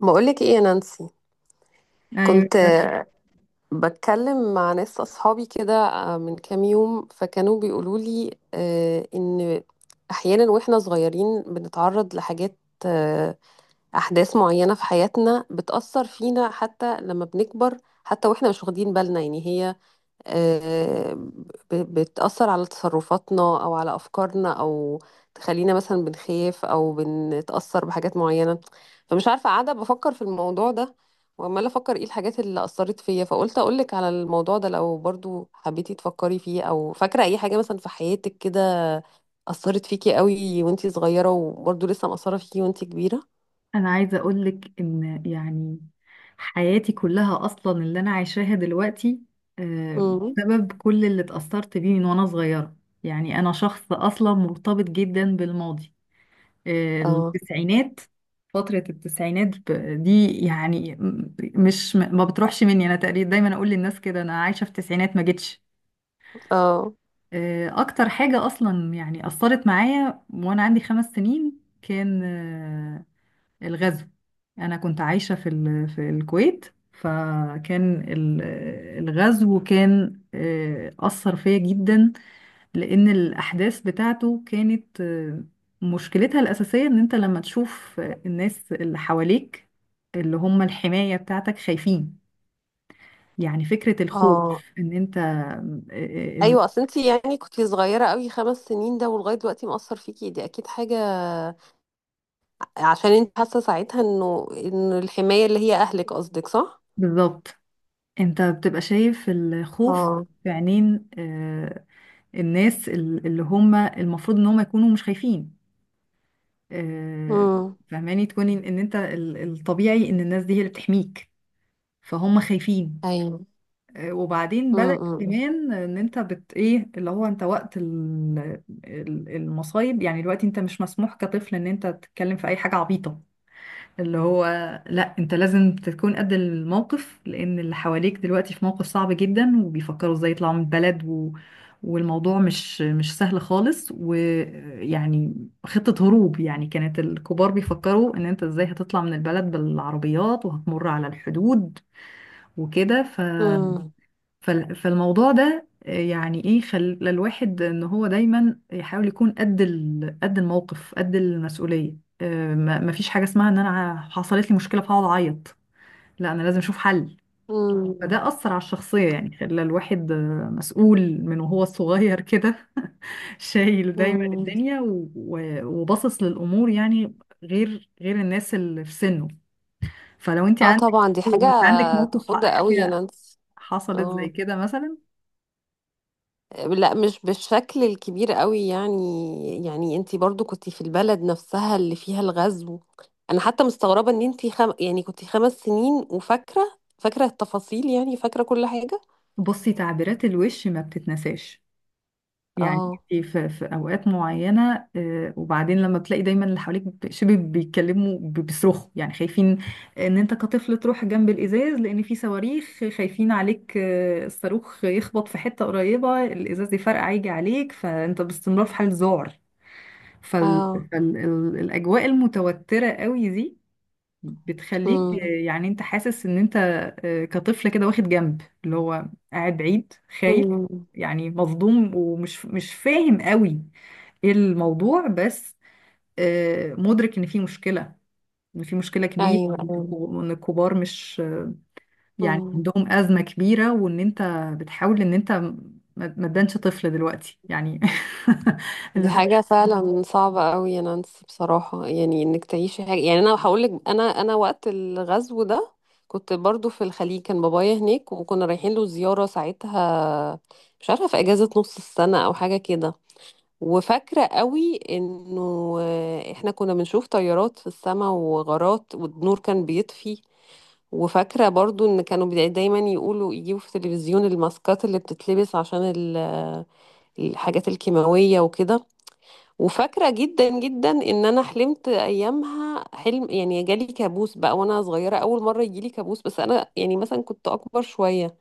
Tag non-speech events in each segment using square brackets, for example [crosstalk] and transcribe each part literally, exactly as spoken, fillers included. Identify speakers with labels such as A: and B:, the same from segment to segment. A: بقولك ايه يا نانسي؟
B: ايوه،
A: كنت آه، بتكلم مع ناس اصحابي كده آه، من كام يوم فكانوا بيقولوا لي آه، ان احيانا واحنا صغيرين بنتعرض لحاجات آه، احداث معينة في حياتنا بتأثر فينا حتى لما بنكبر حتى واحنا مش واخدين بالنا يعني هي آه، ب- بتأثر على تصرفاتنا أو على أفكارنا أو تخلينا مثلا بنخاف أو بنتأثر بحاجات معينة، فمش عارفة قاعدة بفكر في الموضوع ده وعمالة أفكر إيه الحاجات اللي أثرت فيا، فقلت أقولك على الموضوع ده لو برضو حبيتي تفكري فيه، أو فاكرة أي حاجة مثلا في حياتك كده أثرت فيكي قوي وانتي صغيرة وبرضو لسه مأثرة فيكي وانتي كبيرة.
B: انا عايزه اقول لك ان يعني حياتي كلها اصلا اللي انا عايشاها دلوقتي، آه،
A: مم.
B: بسبب كل اللي اتأثرت بيه من وانا صغيره. يعني انا شخص اصلا مرتبط جدا بالماضي، آه،
A: اه
B: التسعينات، فتره التسعينات، ب- دي يعني م- مش م- ما بتروحش مني. انا تقريبا دايما اقول للناس كده انا عايشه في التسعينات، ما جتش.
A: اه
B: آه، اكتر حاجه اصلا يعني اثرت معايا وانا عندي خمس سنين كان آه، الغزو. أنا كنت عايشة في ال... في الكويت. فكان ال- الغزو كان، آه، أثر فيا جدا، لأن الأحداث بتاعته كانت، آه، مشكلتها الأساسية إن أنت لما تشوف، آه، الناس اللي حواليك، اللي هم الحماية بتاعتك، خايفين. يعني فكرة الخوف،
A: اه.
B: إن أنت، آه، آه، إن-
A: ايوه، اصل انت يعني كنتي صغيره قوي، خمس سنين ده ولغايه دلوقتي مأثر فيكي، دي اكيد حاجه، عشان انت حاسه ساعتها انه ان الحمايه اللي هي اهلك، قصدك؟ صح.
B: بالظبط، أنت بتبقى شايف الخوف
A: اه.
B: في عينين، آه، الناس، ال- اللي هم المفروض إن هم يكونوا مش خايفين. آه،
A: امم.
B: فهماني تكوني ان إن انت، ال- الطبيعي ان الناس دي هي اللي بتحميك، فهم خايفين.
A: ايوه.
B: آه، وبعدين بدأ
A: امم.
B: كمان ان انت بت ايه اللي هو انت وقت ال- ال- المصايب. يعني دلوقتي انت مش مسموح كطفل ان انت تتكلم في اي حاجة عبيطة، اللي هو لا، انت لازم تكون قد الموقف، لان اللي حواليك دلوقتي في موقف صعب جدا، وبيفكروا ازاي يطلعوا من البلد و... والموضوع مش مش سهل خالص، ويعني خطة هروب. يعني كانت الكبار بيفكروا ان انت ازاي هتطلع من البلد بالعربيات، وهتمر على الحدود وكده.
A: امم.
B: فال- فالموضوع ده، آه، يعني ايه، خلى الواحد ان هو دايما يحاول يكون قد ال- قد الموقف، قد المسؤوليه. آه، ما ما فيش حاجه اسمها ان انا ع- حصلت لي مشكله فهقعد اعيط. لا، انا لازم اشوف حل.
A: امم.
B: فده اثر على الشخصيه، يعني خلى الواحد، آه، مسؤول من وهو صغير كده. [laughs] شايل دايما
A: امم.
B: الدنيا، و- و- وباصص للامور، يعني غير غير الناس اللي في سنه. فلو انت
A: اه
B: عندك،
A: طبعا، دي حاجه
B: وانت عندك موقف، ح-
A: تخض قوي يا
B: حاجه
A: نانسي.
B: حصلت زي
A: اه،
B: كده مثلا.
A: لا مش بالشكل الكبير قوي، يعني يعني انتي برضو كنتي في البلد نفسها اللي فيها الغزو. انا حتى مستغربة ان انتي خم... يعني كنتي خمس سنين وفاكرة فاكرة التفاصيل، يعني فاكرة كل حاجة.
B: بصي، تعبيرات الوش ما بتتنساش. يعني
A: اه
B: انت في, في اوقات معينه، آه، وبعدين لما بتلاقي دايما اللي حواليك ب- شبه بيتكلموا، ب- بيصرخوا، يعني خايفين ان انت كطفل تروح جنب الازاز لان في صواريخ. خايفين عليك، آه، الصاروخ يخبط في حته قريبه، الازاز يفرقع يجي عليك، فانت باستمرار في حال ذعر.
A: اه.
B: فالاجواء المتوتره قوي دي بتخليك،
A: امم
B: يعني انت حاسس ان انت، آه، كطفل كده واخد جنب اللي هو قاعد بعيد، خايف،
A: امم.
B: يعني مصدوم، ومش مش فاهم قوي ايه الموضوع. بس آه، مدرك ان في مشكلة ان في مشكلة كبيرة،
A: ايوه
B: وان الكو-
A: ايوه.
B: وإن الكبار مش، يعني
A: امم.
B: عندهم أزمة كبيرة، وان انت بتحاول ان انت ما ما تبانش طفل دلوقتي، يعني. [laughs]
A: دي
B: اللي هو.
A: حاجة فعلا صعبة قوي يا نانسي بصراحة، يعني انك تعيشي حاجة، يعني انا هقولك، انا انا وقت الغزو ده كنت برضو في الخليج، كان بابايا هناك وكنا رايحين له زيارة ساعتها، مش عارفة في اجازة نص السنة او حاجة كده، وفاكرة قوي انه آه، احنا كنا بنشوف طيارات في السماء وغارات، والنور كان بيطفي، وفاكرة برضو ان كانوا بي- دايما يقولوا يجيبوا في التلفزيون الماسكات اللي بتتلبس عشان ال- الحاجات الكيماوية وكده. وفاكرة جدا جدا ان انا حلمت ايامها حلم، يعني جالي كابوس بقى وانا صغيرة، اول مرة يجيلي كابوس، بس انا يعني مثلا كنت اكبر شوية،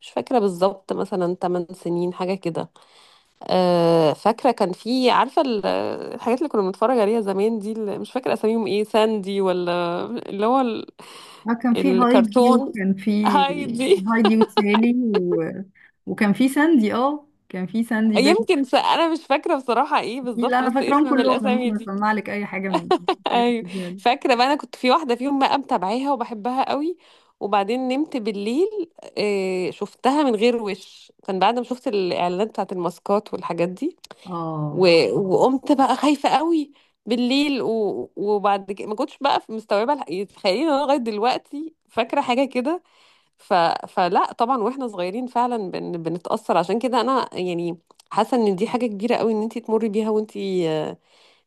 A: مش فاكرة بالظبط، مثلا 8 سنين حاجة كده. أه فاكرة كان في، عارفة ال- الحاجات اللي كنا بنتفرج عليها زمان دي، اللي مش فاكرة اساميهم ايه، ساندي ولا اللي هو ال-
B: اه، كان في هايدي،
A: الكرتون
B: وكان في
A: هايدي؟
B: هايدي وسالي، و... وكان في ساندي اه كان في ساندي بنت
A: يمكن س- انا مش فاكرة بصراحة ايه
B: دي. لا،
A: بالظبط
B: انا
A: بس اسم
B: فاكراهم
A: من
B: كلهم. انا
A: الاسامي
B: ممكن
A: دي.
B: اسمع لك اي حاجه من الحاجات
A: ايوه،
B: القديمة دي.
A: فاكره بقى انا كنت في واحده فيهم بقى متابعاها وبحبها قوي، وبعدين نمت بالليل آه، شفتها من غير وش، كان بعد ما شفت الاعلانات بتاعت الماسكات والحاجات دي،
B: اه.
A: و- وقمت بقى خايفه قوي بالليل، و... وبعد كده ما كنتش بقى مستوعبه الح- تخيلي ان انا لغايه دلوقتي فاكره حاجه كده. ف... فلا طبعا واحنا صغيرين فعلا بن... بنتاثر، عشان كده انا يعني حاسه ان دي حاجه كبيره قوي ان انت تمري بيها وانت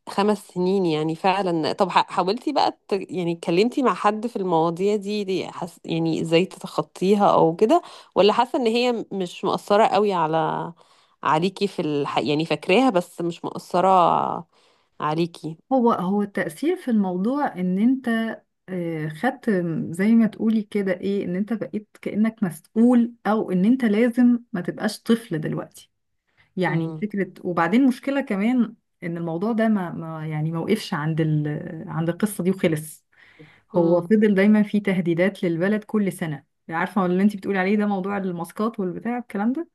A: خمس سنين يعني. فعلا، طب ح- حاولتي بقى ت... يعني اتكلمتي مع حد في المواضيع دي, دي حس... يعني ازاي تتخطيها او كده، ولا حاسة ان هي م- مش مؤثرة قوي على عليكي في الح... يعني فاكراها بس مش مؤثرة عليكي؟
B: هو هو التأثير في الموضوع، ان انت، آه، خدت زي ما تقولي كده، ايه، ان انت بقيت كأنك مسؤول، او ان انت لازم ما تبقاش طفل دلوقتي. يعني
A: امم.
B: فكرة. وبعدين مشكلة كمان، ان الموضوع ده ما, ما يعني ما وقفش عند، ال... عند القصة دي وخلص. هو
A: امم.
B: فضل دايما في تهديدات للبلد كل سنة. عارفة اللي انت بتقولي عليه ده، موضوع الماسكات والبتاع، الكلام ده،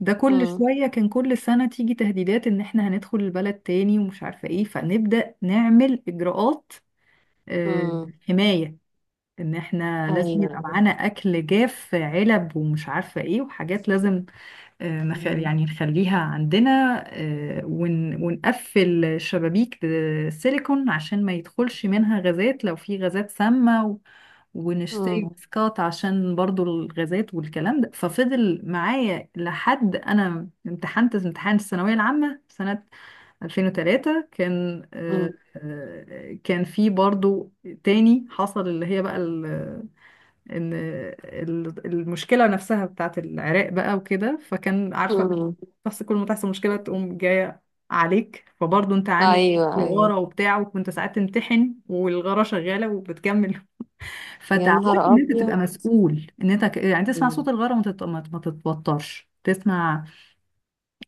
B: ده كل
A: امم.
B: شوية كان، كل سنة تيجي تهديدات ان احنا هندخل البلد تاني، ومش عارفة ايه، فنبدأ نعمل اجراءات، آه،
A: امم.
B: حماية. ان احنا لازم يبقى
A: ايوه.
B: معانا اكل جاف، علب، ومش عارفة ايه، وحاجات لازم، آه، نخ-
A: امم.
B: يعني نخليها عندنا، آه، ون- ونقفل شبابيك سيليكون عشان ما يدخلش منها غازات لو في غازات سامة، و- ونشتري
A: امم.
B: ماسكات عشان برضو الغازات والكلام ده. ففضل معايا لحد انا امتحنت امتحان الثانوية العامة سنة ألفين وثلاثة. كان آه، آه، كان في برضو تاني حصل، اللي هي بقى ان ال- المشكله نفسها بتاعت العراق بقى وكده، فكان عارفه.
A: امم.
B: بس كل ما تحصل مشكله تقوم جايه عليك، فبرضه انت عامل
A: ايوه
B: غاره
A: ايوه.
B: وبتاع، وكنت ساعات تمتحن والغاره شغاله وبتكمل. [laughs]
A: يا نهار
B: فتعودت ان انت تبقى
A: ابيض.
B: مسؤول، ان انت، ك- يعني تسمع صوت الغاره وما تت- ما ما تتوترش، تسمع،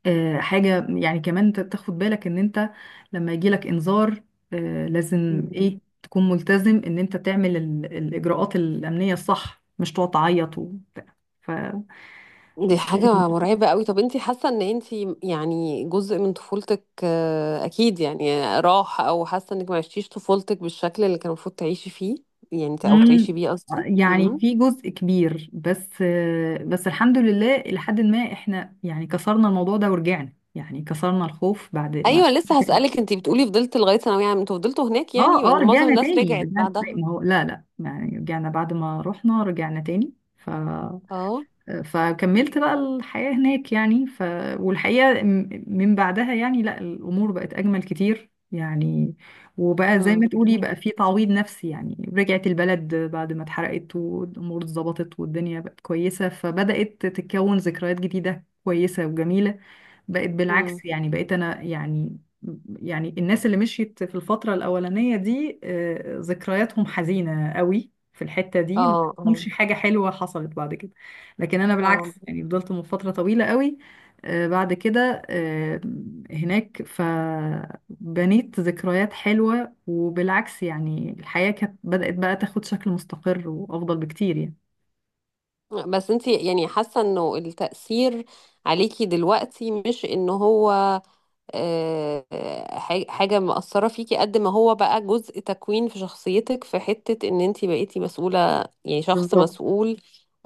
B: آه، حاجة. يعني كمان انت تاخد بالك ان انت لما يجيلك انذار، آه، لازم
A: مم.
B: ايه تكون ملتزم ان انت تعمل ال- الاجراءات الامنية الصح، مش تقعد تعيط وبتاع. ف
A: دي حاجة
B: [laughs]
A: مرعبة قوي. طب انتي حاسة ان انتي يعني جزء من طفولتك آه، اكيد يعني راح، او حاسة انك ما عشتيش طفولتك بالشكل اللي كان المفروض تعيشي فيه، يعني او تعيشي
B: مم،
A: بيه، قصدي.
B: يعني
A: امم.
B: في جزء كبير، بس آه، بس الحمد لله الى حد ما احنا يعني كسرنا الموضوع ده ورجعنا. يعني كسرنا الخوف بعد ما.
A: ايوه لسه
B: [laughs]
A: هسألك، انتي بتقولي فضلت لغاية ثانوية عامة، انتوا فضلتوا هناك يعني؟
B: اه اه،
A: لأن معظم
B: رجعنا
A: الناس
B: تاني. [laughs]
A: رجعت
B: رجعنا،
A: بعدها.
B: ما هو لا لا، يعني رجعنا بعد ما رحنا. رجعنا تاني. ف
A: اه.
B: فكملت بقى الحياة هناك، يعني. ف... والحقيقة م- من بعدها، يعني لا، الأمور بقت أجمل كتير، يعني وبقى زي
A: امم.
B: ما تقولي بقى في تعويض نفسي. يعني رجعت البلد بعد ما اتحرقت، والأمور اتظبطت، والدنيا بقت كويسة، فبدأت تتكون ذكريات جديدة كويسة وجميلة. بقت
A: امم.
B: بالعكس، يعني بقيت انا، يعني يعني الناس اللي مشيت في الفترة الأولانية دي، آه، ذكرياتهم حزينة قوي في الحتة دي.
A: اه اه
B: مش حاجة حلوة حصلت بعد كده. لكن أنا
A: اه.
B: بالعكس، يعني فضلت من فترة طويلة قوي، آه، بعد كده، آه، هناك، فبنيت ذكريات حلوة. وبالعكس، يعني الحياة كانت بدأت بقى تاخد شكل مستقر وأفضل بكتير، يعني.
A: بس انتي يعني حاسة انه التأثير عليكي دلوقتي مش ان هو آه، ح- حاجة مأثرة فيكي، قد ما هو بقى جزء تكوين في شخصيتك، في حتة ان انتي بقيتي مسؤولة، يعني شخص
B: بالظبط،
A: مسؤول.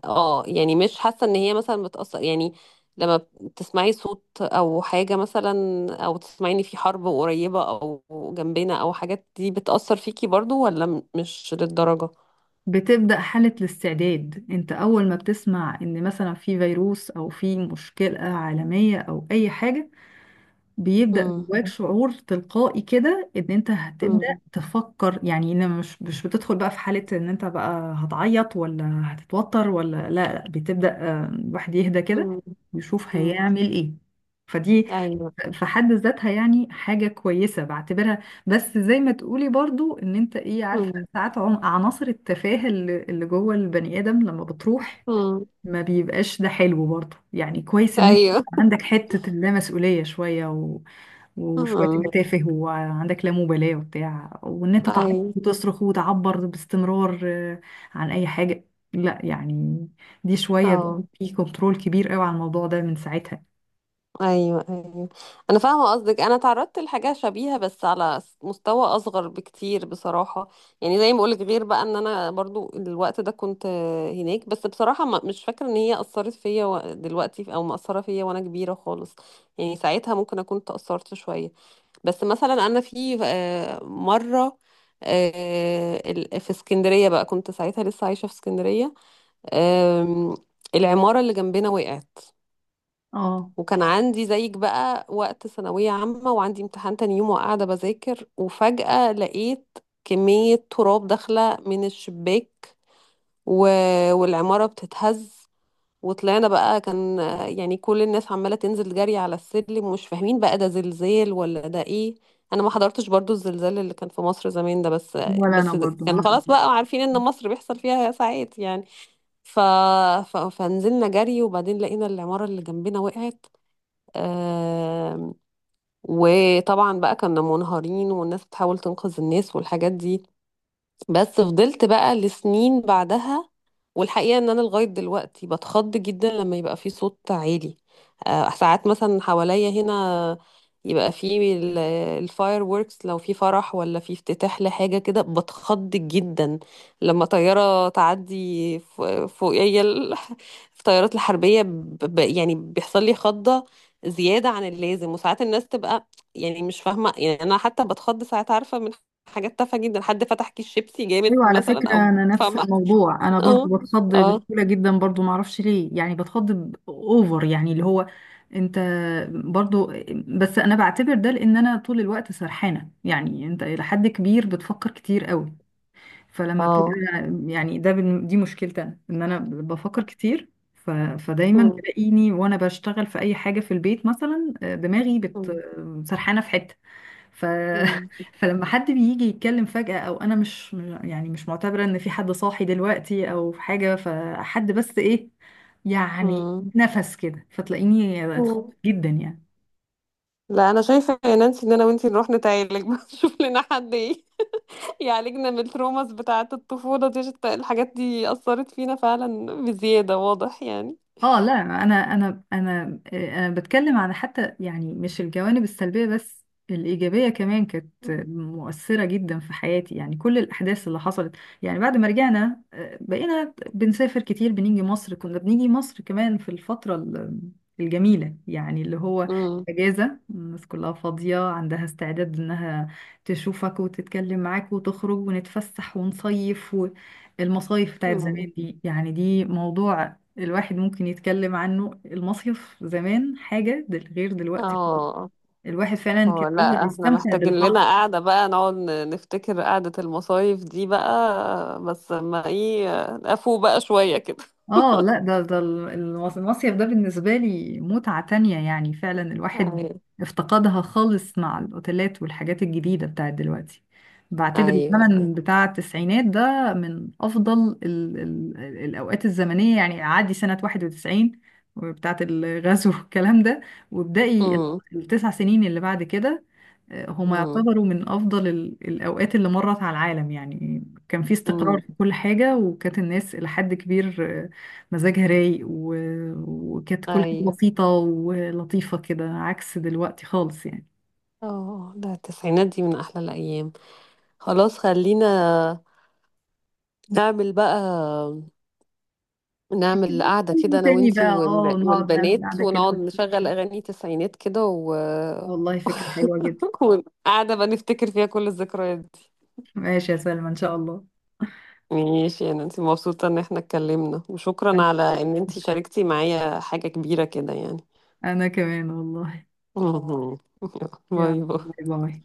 A: اه، يعني مش حاسة ان هي مثلا بتأثر، يعني لما تسمعي صوت او حاجة مثلا، او تسمعي ان في حرب قريبة او جنبنا او حاجات دي بتأثر فيكي برضو، ولا م- مش للدرجة؟
B: بتبدأ حالة الاستعداد انت اول ما بتسمع ان مثلا في فيروس، او في مشكلة عالمية، او اي حاجة، بيبدأ
A: امم.
B: جواك شعور تلقائي كده، ان انت هتبدأ
A: امم.
B: تفكر. يعني ان مش مش بتدخل بقى في حالة ان انت بقى هتعيط، ولا هتتوتر، ولا لا لا، بتبدأ، آه، الواحد يهدى كده
A: امم.
B: ويشوف
A: امم.
B: هيعمل ايه. فدي
A: ايوه.
B: في حد ذاتها يعني حاجة كويسة بعتبرها. بس زي ما تقولي برضو، ان انت ايه، عارفة
A: امم.
B: ساعات عم- عناصر التفاهة اللي اللي جوه البني ادم لما بتروح،
A: امم.
B: ما بيبقاش ده حلو برضو. يعني كويس ان انت
A: ايوه.
B: يبقى عندك حتة اللامسؤولية شوية، و... وشوية تبقى
A: امم.
B: تافه، وعندك لا مبالاة وبتاع، وان انت تعيط
A: ايوه.
B: وتصرخ وتعبر باستمرار، آه، عن اي حاجة. لا، يعني دي شوية بقى
A: اه.
B: في كنترول كبير قوي على الموضوع ده من ساعتها.
A: ايوه ايوه. انا فاهمه قصدك، انا تعرضت لحاجه شبيهه بس على س- مستوى اصغر بكتير بصراحه، يعني زي ما بقولك، غير بقى ان انا برضو الوقت ده كنت آه، هناك، بس بصراحه ما- مش فاكره ان هي اثرت فيا و- دلوقتي او مأثره فيا وانا كبيره خالص، يعني ساعتها ممكن اكون تأثرت شويه. بس مثلا انا في آه، مره آه، ال- في اسكندريه بقى، كنت ساعتها لسه عايشه في اسكندريه، آم، العماره اللي جنبنا وقعت،
B: اه.
A: وكان عندي زيك بقى وقت ثانوية عامة وعندي امتحان تاني يوم، وقاعدة بذاكر، وفجأة لقيت كمية تراب داخلة من الشباك، و... والعمارة بتتهز، وطلعنا بقى، كان يعني كل الناس عمالة تنزل جري على السلم، ومش فاهمين بقى ده زلزال ولا ده ايه. انا ما حضرتش برضو الزلزال اللي كان في مصر زمان ده، بس
B: ولا انا
A: بس ده
B: برضو
A: كان
B: ما
A: خلاص
B: هقدر.
A: بقى عارفين ان مصر بيحصل فيها ساعات يعني. ف... ف... فنزلنا جري، وبعدين لقينا العمارة اللي جنبنا وقعت، آم، وطبعا بقى كنا منهارين، والناس بتحاول تنقذ الناس والحاجات دي. بس فضلت بقى لسنين بعدها، والحقيقة ان انا لغاية دلوقتي بتخض جدا لما يبقى في صوت عالي، آه، ساعات مثلا حواليا هنا يبقى في الفاير ووركس لو في فرح ولا في افتتاح لحاجة كده، بتخض جدا. لما طيارة تعدي ف- فوقيا ال- [laughs] في الطيارات الحربية ب- ب- يعني بيحصل لي خضة زيادة عن اللازم. وساعات الناس تبقى يعني مش فاهمة، يعني أنا حتى بتخض ساعات، عارفة، من حاجات تافهة جدًا، حد فتح كيس شيبسي جامد
B: ايوه، على
A: مثلًا،
B: فكره،
A: أو
B: انا نفس
A: فاهمة؟
B: الموضوع، انا
A: آه،
B: برضو بتخض
A: آه،
B: بسهوله جدا، برضو ما اعرفش ليه. يعني بتخض ب- اوفر، يعني اللي هو انت برضو. بس انا بعتبر ده لان انا طول الوقت سرحانه. يعني انت الى حد كبير بتفكر كتير قوي، فلما بتبقى،
A: آه،
B: يعني ده بن- دي مشكلتي انا، ان انا بفكر كتير. ف... فدايما
A: إمم.
B: تلاقيني وانا بشتغل في اي حاجه في البيت مثلا، آه، دماغي بت
A: إمم.
B: سرحانه في حته. ف...
A: إمم.
B: [laughs] فلما حد بيجي يتكلم فجأة، او انا مش يعني مش معتبرة ان في حد صاحي دلوقتي او في حاجة، فحد بس ايه، يعني
A: إمم.
B: نفس كده، فتلاقيني اتخضيت
A: إمم.
B: جدا، يعني.
A: لأ أنا شايفة يا نانسي إن أنا وأنتِ نروح نتعالج بقى، [laughs] نشوف لنا حد ي يعالجنا من الtraumas بتاعة الطفولة دي، عشان الت الحاجات دي أثّرت فينا فعلًا بزيادة، واضح يعني.
B: اه لا، انا انا انا آه، انا بتكلم عن حتى، يعني مش الجوانب السلبيه بس، الايجابيه كمان كانت مؤثره جدا في حياتي. يعني كل الاحداث اللي حصلت. يعني بعد ما رجعنا، آه، بقينا بنسافر كتير. بنيجي مصر، كنا بنيجي مصر كمان، في الفتره، ال- الجميله، يعني اللي هو
A: إمم.
B: اجازه. الناس كلها فاضيه، عندها استعداد انها تشوفك وتتكلم معاك وتخرج، ونتفسح ونصيف و... المصايف بتاعت
A: إمم.
B: زمان دي، يعني دي موضوع الواحد ممكن يتكلم عنه. المصيف زمان حاجة، دل- غير دلوقتي خالص.
A: آه.
B: الواحد فعلا كان
A: هو
B: بيبقى
A: لا احنا
B: بيستمتع
A: محتاجين
B: بالبحر.
A: لنا قعدة بقى، نقعد ن- نفتكر قعدة المصايف دي بقى، بس ما ايه، افو بقى شوية كده.
B: اه لا، ده ده ال- المص- المصيف ده بالنسبة لي متعة تانية، يعني فعلا الواحد
A: ايوه
B: افتقدها خالص مع الأوتيلات والحاجات الجديدة بتاعت دلوقتي. بعتبر
A: ايوه.
B: الزمن بتاع التسعينات ده من أفضل ال ال الأوقات الزمنية. يعني عادي سنة واحد وتسعين بتاعت الغزو [laughs] والكلام ده، وابدأي ال-
A: امم
B: التسع سنين اللي بعد كده، آه، هما
A: امم
B: يعتبروا من أفضل ال- الأوقات اللي مرت على العالم. يعني كان في استقرار
A: امم.
B: في كل حاجة، وكانت الناس إلى حد كبير مزاجها رايق، و... وكانت كل حاجة
A: ايوه.
B: بسيطة ولطيفة كده، عكس دلوقتي خالص، يعني.
A: اه ده التسعينات دي من احلى الايام. خلاص خلينا نعمل بقى، نعمل قعدة كده
B: نتكلم
A: انا
B: تاني
A: وانتي
B: بقى، اه،
A: وال-
B: نقعد نعمل
A: والبنات،
B: قعدة كده.
A: ونقعد نشغل اغاني تسعينات كده و...
B: والله فكرة حلوة جدا.
A: [laughs] وقعدة بقى نفتكر فيها كل الذكريات.
B: ماشي يا سلمى، ان شاء الله.
A: ماشي، انا انت مبسوطة ان احنا اتكلمنا، وشكرا
B: انا
A: على
B: كمان،
A: ان انت شاركتي معايا حاجة كبيرة كده يعني.
B: أنا كمان والله.
A: [laughs] باي
B: يلا باي
A: باي.
B: باي.